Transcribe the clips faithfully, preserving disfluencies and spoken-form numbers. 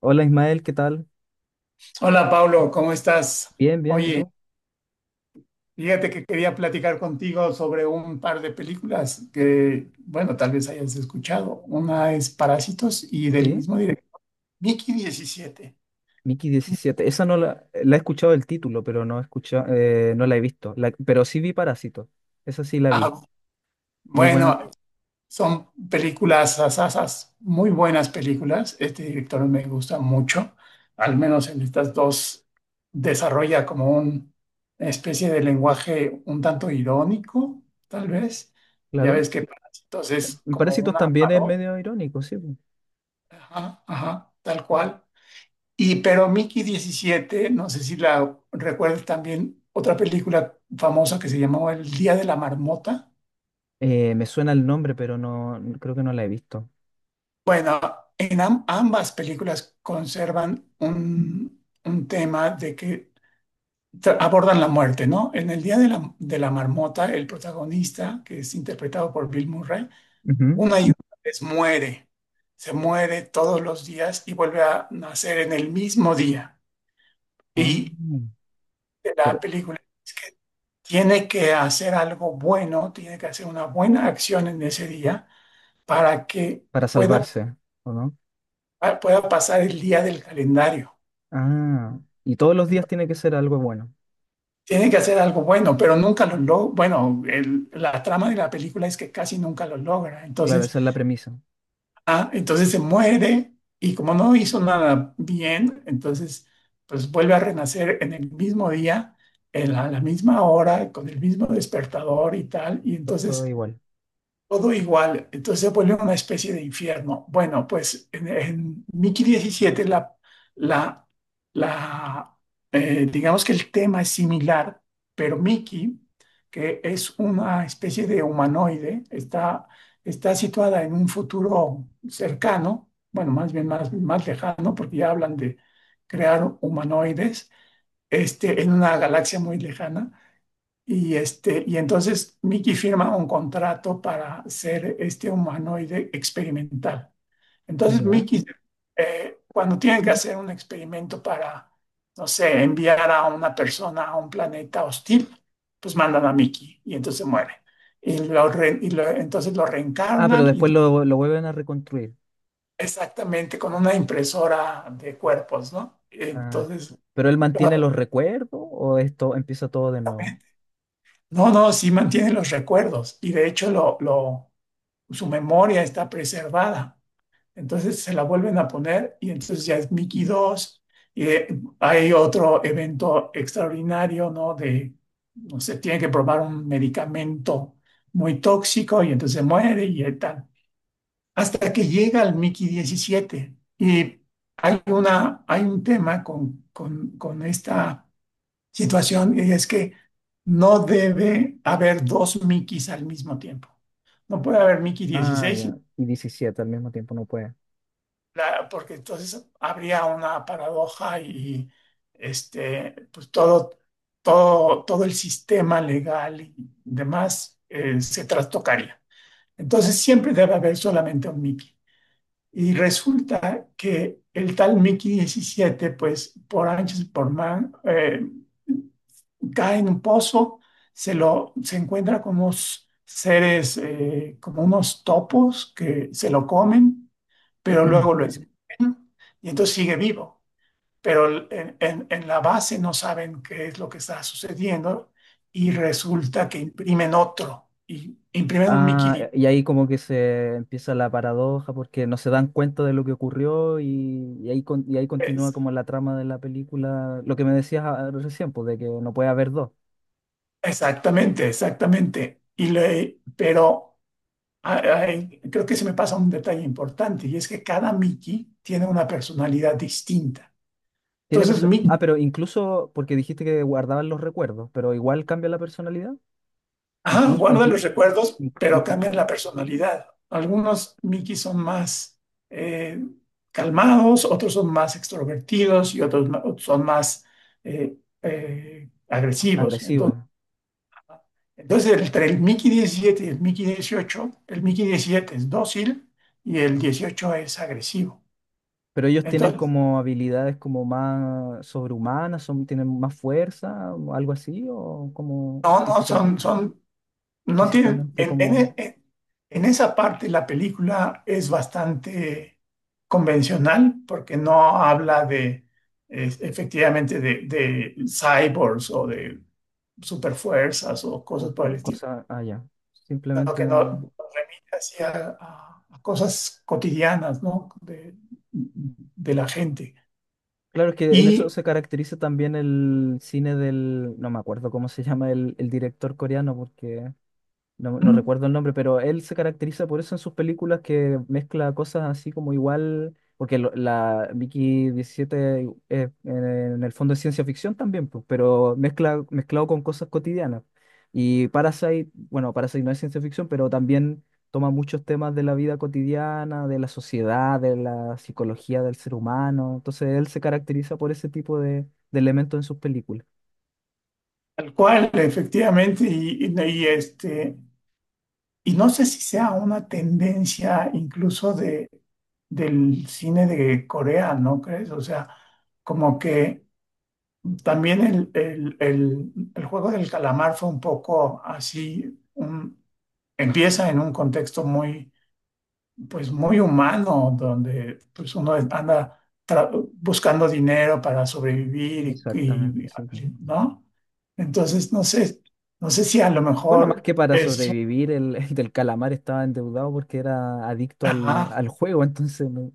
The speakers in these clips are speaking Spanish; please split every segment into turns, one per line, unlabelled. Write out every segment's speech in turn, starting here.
Hola Ismael, ¿qué tal?
Hola Pablo, ¿cómo estás?
Bien, bien, ¿y
Oye,
tú?
fíjate que quería platicar contigo sobre un par de películas que, bueno, tal vez hayas escuchado. Una es Parásitos y del
Sí,
mismo director, Mickey diecisiete.
Mickey diecisiete. Esa no la, la he escuchado el título, pero no he escuchado, eh, no la he visto. La- pero sí vi Parásitos. Esa sí la
Ah,
vi. Muy buena,
bueno, son películas, asasas, muy buenas películas. Este director me gusta mucho. Al menos en estas dos desarrolla como un- una especie de lenguaje un tanto irónico, tal vez. Ya
claro.
ves que Parásitos es
Y
como
Parásitos
una
también es
parodia,
medio irónico, sí. po.
ajá, ajá, tal cual. Y pero Mickey diecisiete no sé si la recuerdas también, otra película famosa que se llamaba El Día de la Marmota.
Eh, me suena el nombre, pero no, creo que no la he visto.
Bueno, en am- ambas películas conservan un, un tema de que tra- abordan la muerte, ¿no? En el Día de la, de la Marmota, el protagonista, que es interpretado por Bill Murray,
Ujú.
una y una vez muere, se muere todos los días y vuelve a nacer en el mismo día. Y
Ah,
de la
pero
película es que tiene que hacer algo bueno, tiene que hacer una buena acción en ese día para que
para
pueda,
salvarse, ¿o no?
pueda pasar el día del calendario.
Ah, y todos los días tiene que ser algo bueno.
Tiene que hacer algo bueno, pero nunca lo logra. Bueno, el- la trama de la película es que casi nunca lo logra.
Claro,
Entonces,
esa es la premisa.
ah, entonces se muere y como no hizo nada bien, entonces pues vuelve a renacer en el mismo día, en la- a la misma hora, con el mismo despertador y tal. Y
To- Todo
entonces
igual.
todo igual, entonces se vuelve una especie de infierno. Bueno, pues en, en Mickey diecisiete la, la, la, eh, digamos que el tema es similar, pero Mickey, que es una especie de humanoide, está, está situada en un futuro cercano, bueno, más bien más, más lejano, porque ya hablan de crear humanoides, este, en una galaxia muy lejana y, este, y entonces Mickey firma un contrato para ser este humanoide experimental. Entonces
Ya.
Mickey, eh, cuando tiene que hacer un experimento para, no sé, enviar a una persona a un planeta hostil, pues mandan a Mickey y entonces muere. Y, lo re- y lo- entonces lo
Ah, pero
reencarnan y
después
entonces
lo, lo vuelven a reconstruir.
exactamente con una impresora de cuerpos, ¿no?
Ah,
Entonces,
¿pero él mantiene los
lo-
recuerdos o esto empieza todo de nuevo?
no, no, sí mantiene los recuerdos y de hecho lo, lo su memoria está preservada. Entonces se la vuelven a poner y entonces ya es Mickey dos. Y eh, hay otro evento extraordinario, ¿no? De, no sé, tiene que probar un medicamento muy tóxico y entonces muere y tal. Hasta que llega el Mickey diecisiete. Y hay, una, hay un tema con, con, con esta situación y es que no debe haber dos Mickeys al mismo tiempo. No puede haber Mickey
Ah,
dieciséis, y
ya. Y diecisiete al mismo tiempo no puede.
la- porque entonces habría una paradoja y este, pues todo, todo, todo el sistema legal y demás eh, se trastocaría. Entonces siempre debe haber solamente un Mickey. Y resulta que el tal Mickey diecisiete pues por anchos y por man, eh, cae en un pozo, se lo se encuentra con unos seres, eh, como unos topos que se lo comen, pero luego lo escupen y entonces sigue vivo. Pero el- en, en- en la base no saben qué es lo que está sucediendo y resulta que imprimen otro, y imprimen un Mickey
Ah,
D.
y ahí como que se empieza la paradoja porque no se dan cuenta de lo que ocurrió y, y ahí, con- y ahí continúa
Es-
como la trama de la película, lo que me decías ah, recién, pues, de que no puede haber dos.
Exactamente, exactamente. Y le, pero ay, ay, creo que se me pasa un detalle importante y es que cada Mickey tiene una personalidad distinta.
Tiene
Entonces,
perso- ah,
Mickey,
pero incluso porque dijiste que guardaban los recuerdos, pero igual cambia la personalidad,
ajá,
incluso,
guarda los
inclu-
recuerdos,
inc-
pero cambian la
incluso
personalidad. Algunos Mickey son más eh, calmados, otros son más extrovertidos y otros, ma- otros son más eh, eh, agresivos. Entonces,
agresivo.
entonces, entre el Mickey diecisiete y el Mickey dieciocho, el Mickey diecisiete es dócil y el dieciocho es agresivo.
Pero ellos tienen
Entonces,
como habilidades como más sobrehumanas, son, tienen más fuerza, o algo así, o como
no, no,
físicamente,
son, son no tiene,
físicamente
en,
como
en- en- en esa parte la película es bastante convencional porque no habla de es- efectivamente de, de cyborgs o de superfuerzas o
o,
cosas por
o
el estilo,
cosa allá.
sino
Simplemente.
que no no remite hacia a- a cosas cotidianas, ¿no? De, de la gente.
Claro, es que en eso
Y
se caracteriza también el cine del, no me acuerdo cómo se llama el, el director coreano, porque no, no
mm,
recuerdo el nombre, pero él se caracteriza por eso en sus películas que mezcla cosas así como igual, porque lo- la Mickey diecisiete es, en el fondo es ciencia ficción también, pues, pero mezcla, mezclado con cosas cotidianas. Y Parasite, bueno, Parasite no es ciencia ficción, pero también toma muchos temas de la vida cotidiana, de la sociedad, de la psicología del ser humano. Entonces él se caracteriza por ese tipo de, de elementos en sus películas.
tal cual, efectivamente, y, y- y, este, y no sé si sea una tendencia incluso de, del cine de Corea, ¿no crees? O sea, como que también el, el- el- el juego del calamar fue un poco así, un- empieza en un contexto muy, pues muy humano, donde pues uno anda tra- buscando dinero para sobrevivir y,
Exactamente, sí.
y- ¿no? Entonces, no sé, no sé si a lo
Bueno, más
mejor
que para
es...
sobrevivir, el, el del calamar estaba endeudado porque era adicto al,
ajá,
al juego, entonces, no-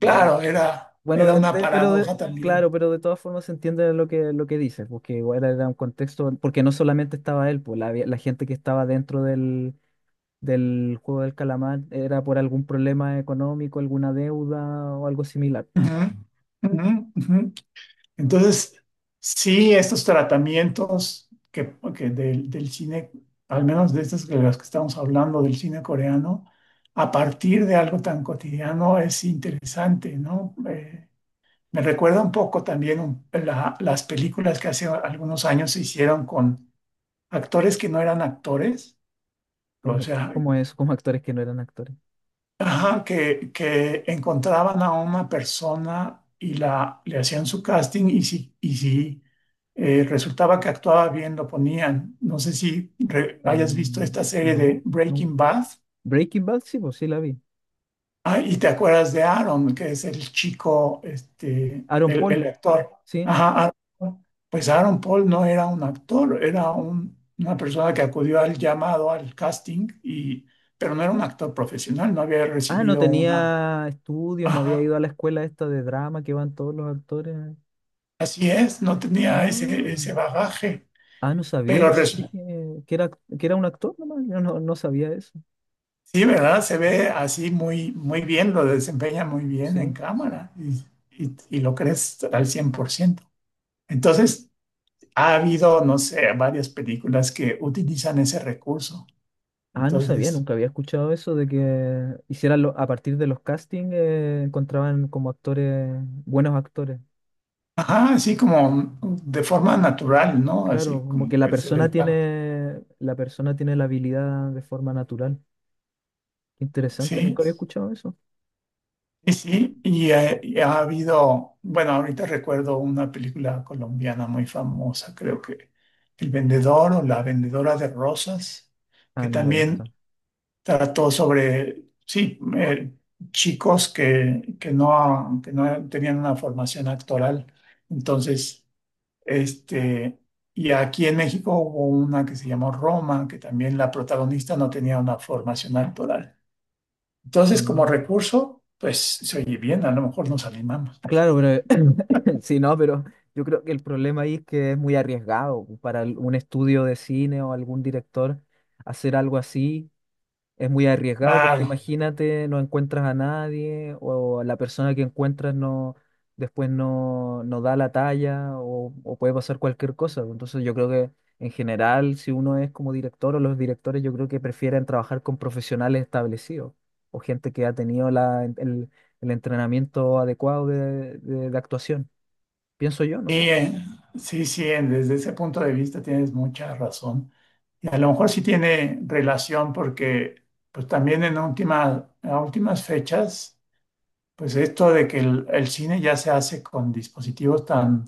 muy-
era,
bueno,
era
de-
una
de- pero de-
paradoja
claro,
también.
pero de todas formas se entiende lo que, lo que dice, porque igual era un contexto, porque no solamente estaba él, pues la, había- la gente que estaba dentro del, del juego del calamar era por algún problema económico, alguna deuda o algo similar.
Ujú, ujú, ujú. Entonces, sí, estos tratamientos que, que del, del cine, al menos de estas que las que estamos hablando del cine coreano, a partir de algo tan cotidiano es interesante, ¿no? Eh, me recuerda un poco también un- la- las películas que hace algunos años se hicieron con actores que no eran actores,
Es
o
mi-
sea,
Como eso, como actores que no eran actores.
ajá, que, que encontraban a una persona y la, le hacían su casting y si, y si eh, resultaba que actuaba bien, lo ponían. No sé si re- hayas visto
Mm,
esta serie de
no, no.
Breaking Bad.
Breaking Bad, sí, pues sí la vi.
Ah, y te acuerdas de Aaron, que es el chico, este,
Aaron
el,
Paul,
el actor.
sí.
Ajá, Aaron. Pues Aaron Paul no era un actor, era un- una persona que acudió al llamado, al casting, y, pero no era un actor profesional, no había
Ah, no
recibido una...
tenía estudios, no había ido
Ajá.
a la escuela esta de drama que van todos los actores.
Así es, no tenía ese,
Ah,
ese bagaje,
ah, no sabía,
pero
yo
res-
pensé que, que era, que era un actor nomás, yo no, no sabía eso.
sí, ¿verdad? Se ve así muy, muy bien, lo desempeña muy bien en
Sí.
cámara y, y- y lo crees al cien por ciento. Entonces, ha habido, no sé, varias películas que utilizan ese recurso.
Ah, no sabía,
Entonces,
nunca había escuchado eso de que hicieran lo- a partir de los castings eh, encontraban como actores, buenos actores.
ajá, así como de forma natural, ¿no?
Claro,
Así
como que
como
la
que se
persona
les da.
tiene, la persona tiene la habilidad de forma natural. Interesante,
Sí,
nunca había escuchado eso.
y sí, y, eh, y ha habido, bueno, ahorita recuerdo una película colombiana muy famosa, creo que El Vendedor o La Vendedora de Rosas,
Ah,
que
no la he
también
visto.
trató sobre, sí, eh, chicos que, que no, que no tenían una formación actoral. Entonces, este, y aquí en México hubo una que se llamó Roma, que también la protagonista no tenía una formación actoral. Entonces, como
Mm.
recurso, pues se oye bien, a lo mejor nos animamos.
Claro, pero sí, no, pero yo creo que el problema ahí es que es muy arriesgado para el- un estudio de cine o algún director hacer algo así, es muy arriesgado porque
Claro,
imagínate, no encuentras a nadie o la persona que encuentras no después no, no da la talla o, o puede pasar cualquier cosa. Entonces yo creo que en general, si uno es como director o los directores, yo creo que prefieren trabajar con profesionales establecidos o gente que ha tenido la, el, el entrenamiento adecuado de, de- de actuación. Pienso yo,
sí,
no sé.
eh, sí, sí, en- desde ese punto de vista tienes mucha razón. Y a lo mejor sí tiene relación porque, pues también en última, a últimas fechas, pues esto de que el, el cine ya se hace con dispositivos tan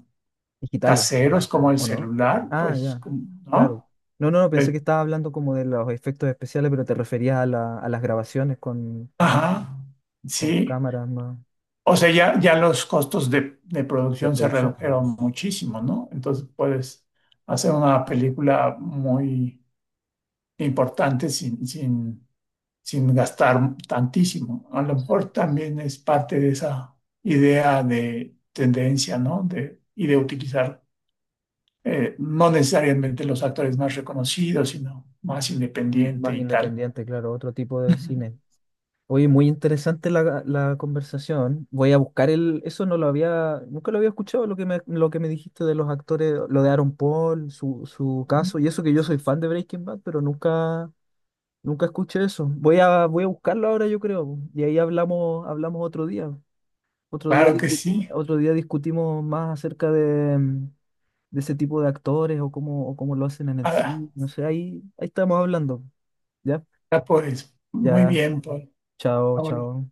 Digitales.
caseros como el
¿O no?
celular,
Ah,
pues,
ya,
como
claro.
¿no?
No, no, no, pensé
Eh,
que estaba hablando como de los efectos especiales, pero te referías a, la- a las grabaciones con,
ajá,
con
sí.
cámaras más
O sea, ya, ya los costos de, de
de
producción se
producción,
redujeron muchísimo, ¿no? Entonces puedes hacer una película muy importante sin, sin, sin gastar tantísimo. A lo mejor también es parte de esa idea de tendencia, ¿no? De, y de utilizar eh, no necesariamente los actores más reconocidos, sino más
m-
independiente
más
y tal.
independiente, claro, otro tipo de
Ujú.
cine. Oye, muy interesante la, la conversación. Voy a buscar el, eso no lo había, nunca lo había escuchado lo que me, lo que me dijiste de los actores, lo de Aaron Paul, su, su caso, y eso que yo soy fan de Breaking Bad, pero nunca, nunca escuché eso. Voy a, voy a buscarlo ahora, yo creo, y ahí hablamos, hablamos otro día. Otro día,
Claro que
discu-
sí.
otro día discutimos más acerca de, mm, de ese tipo de actores o cómo, o cómo lo hacen en el
Ah,
cine. No sé, ahí, ahí estamos hablando. ¿Ya?
pues muy
Ya,
bien, Paul.
chao, chao.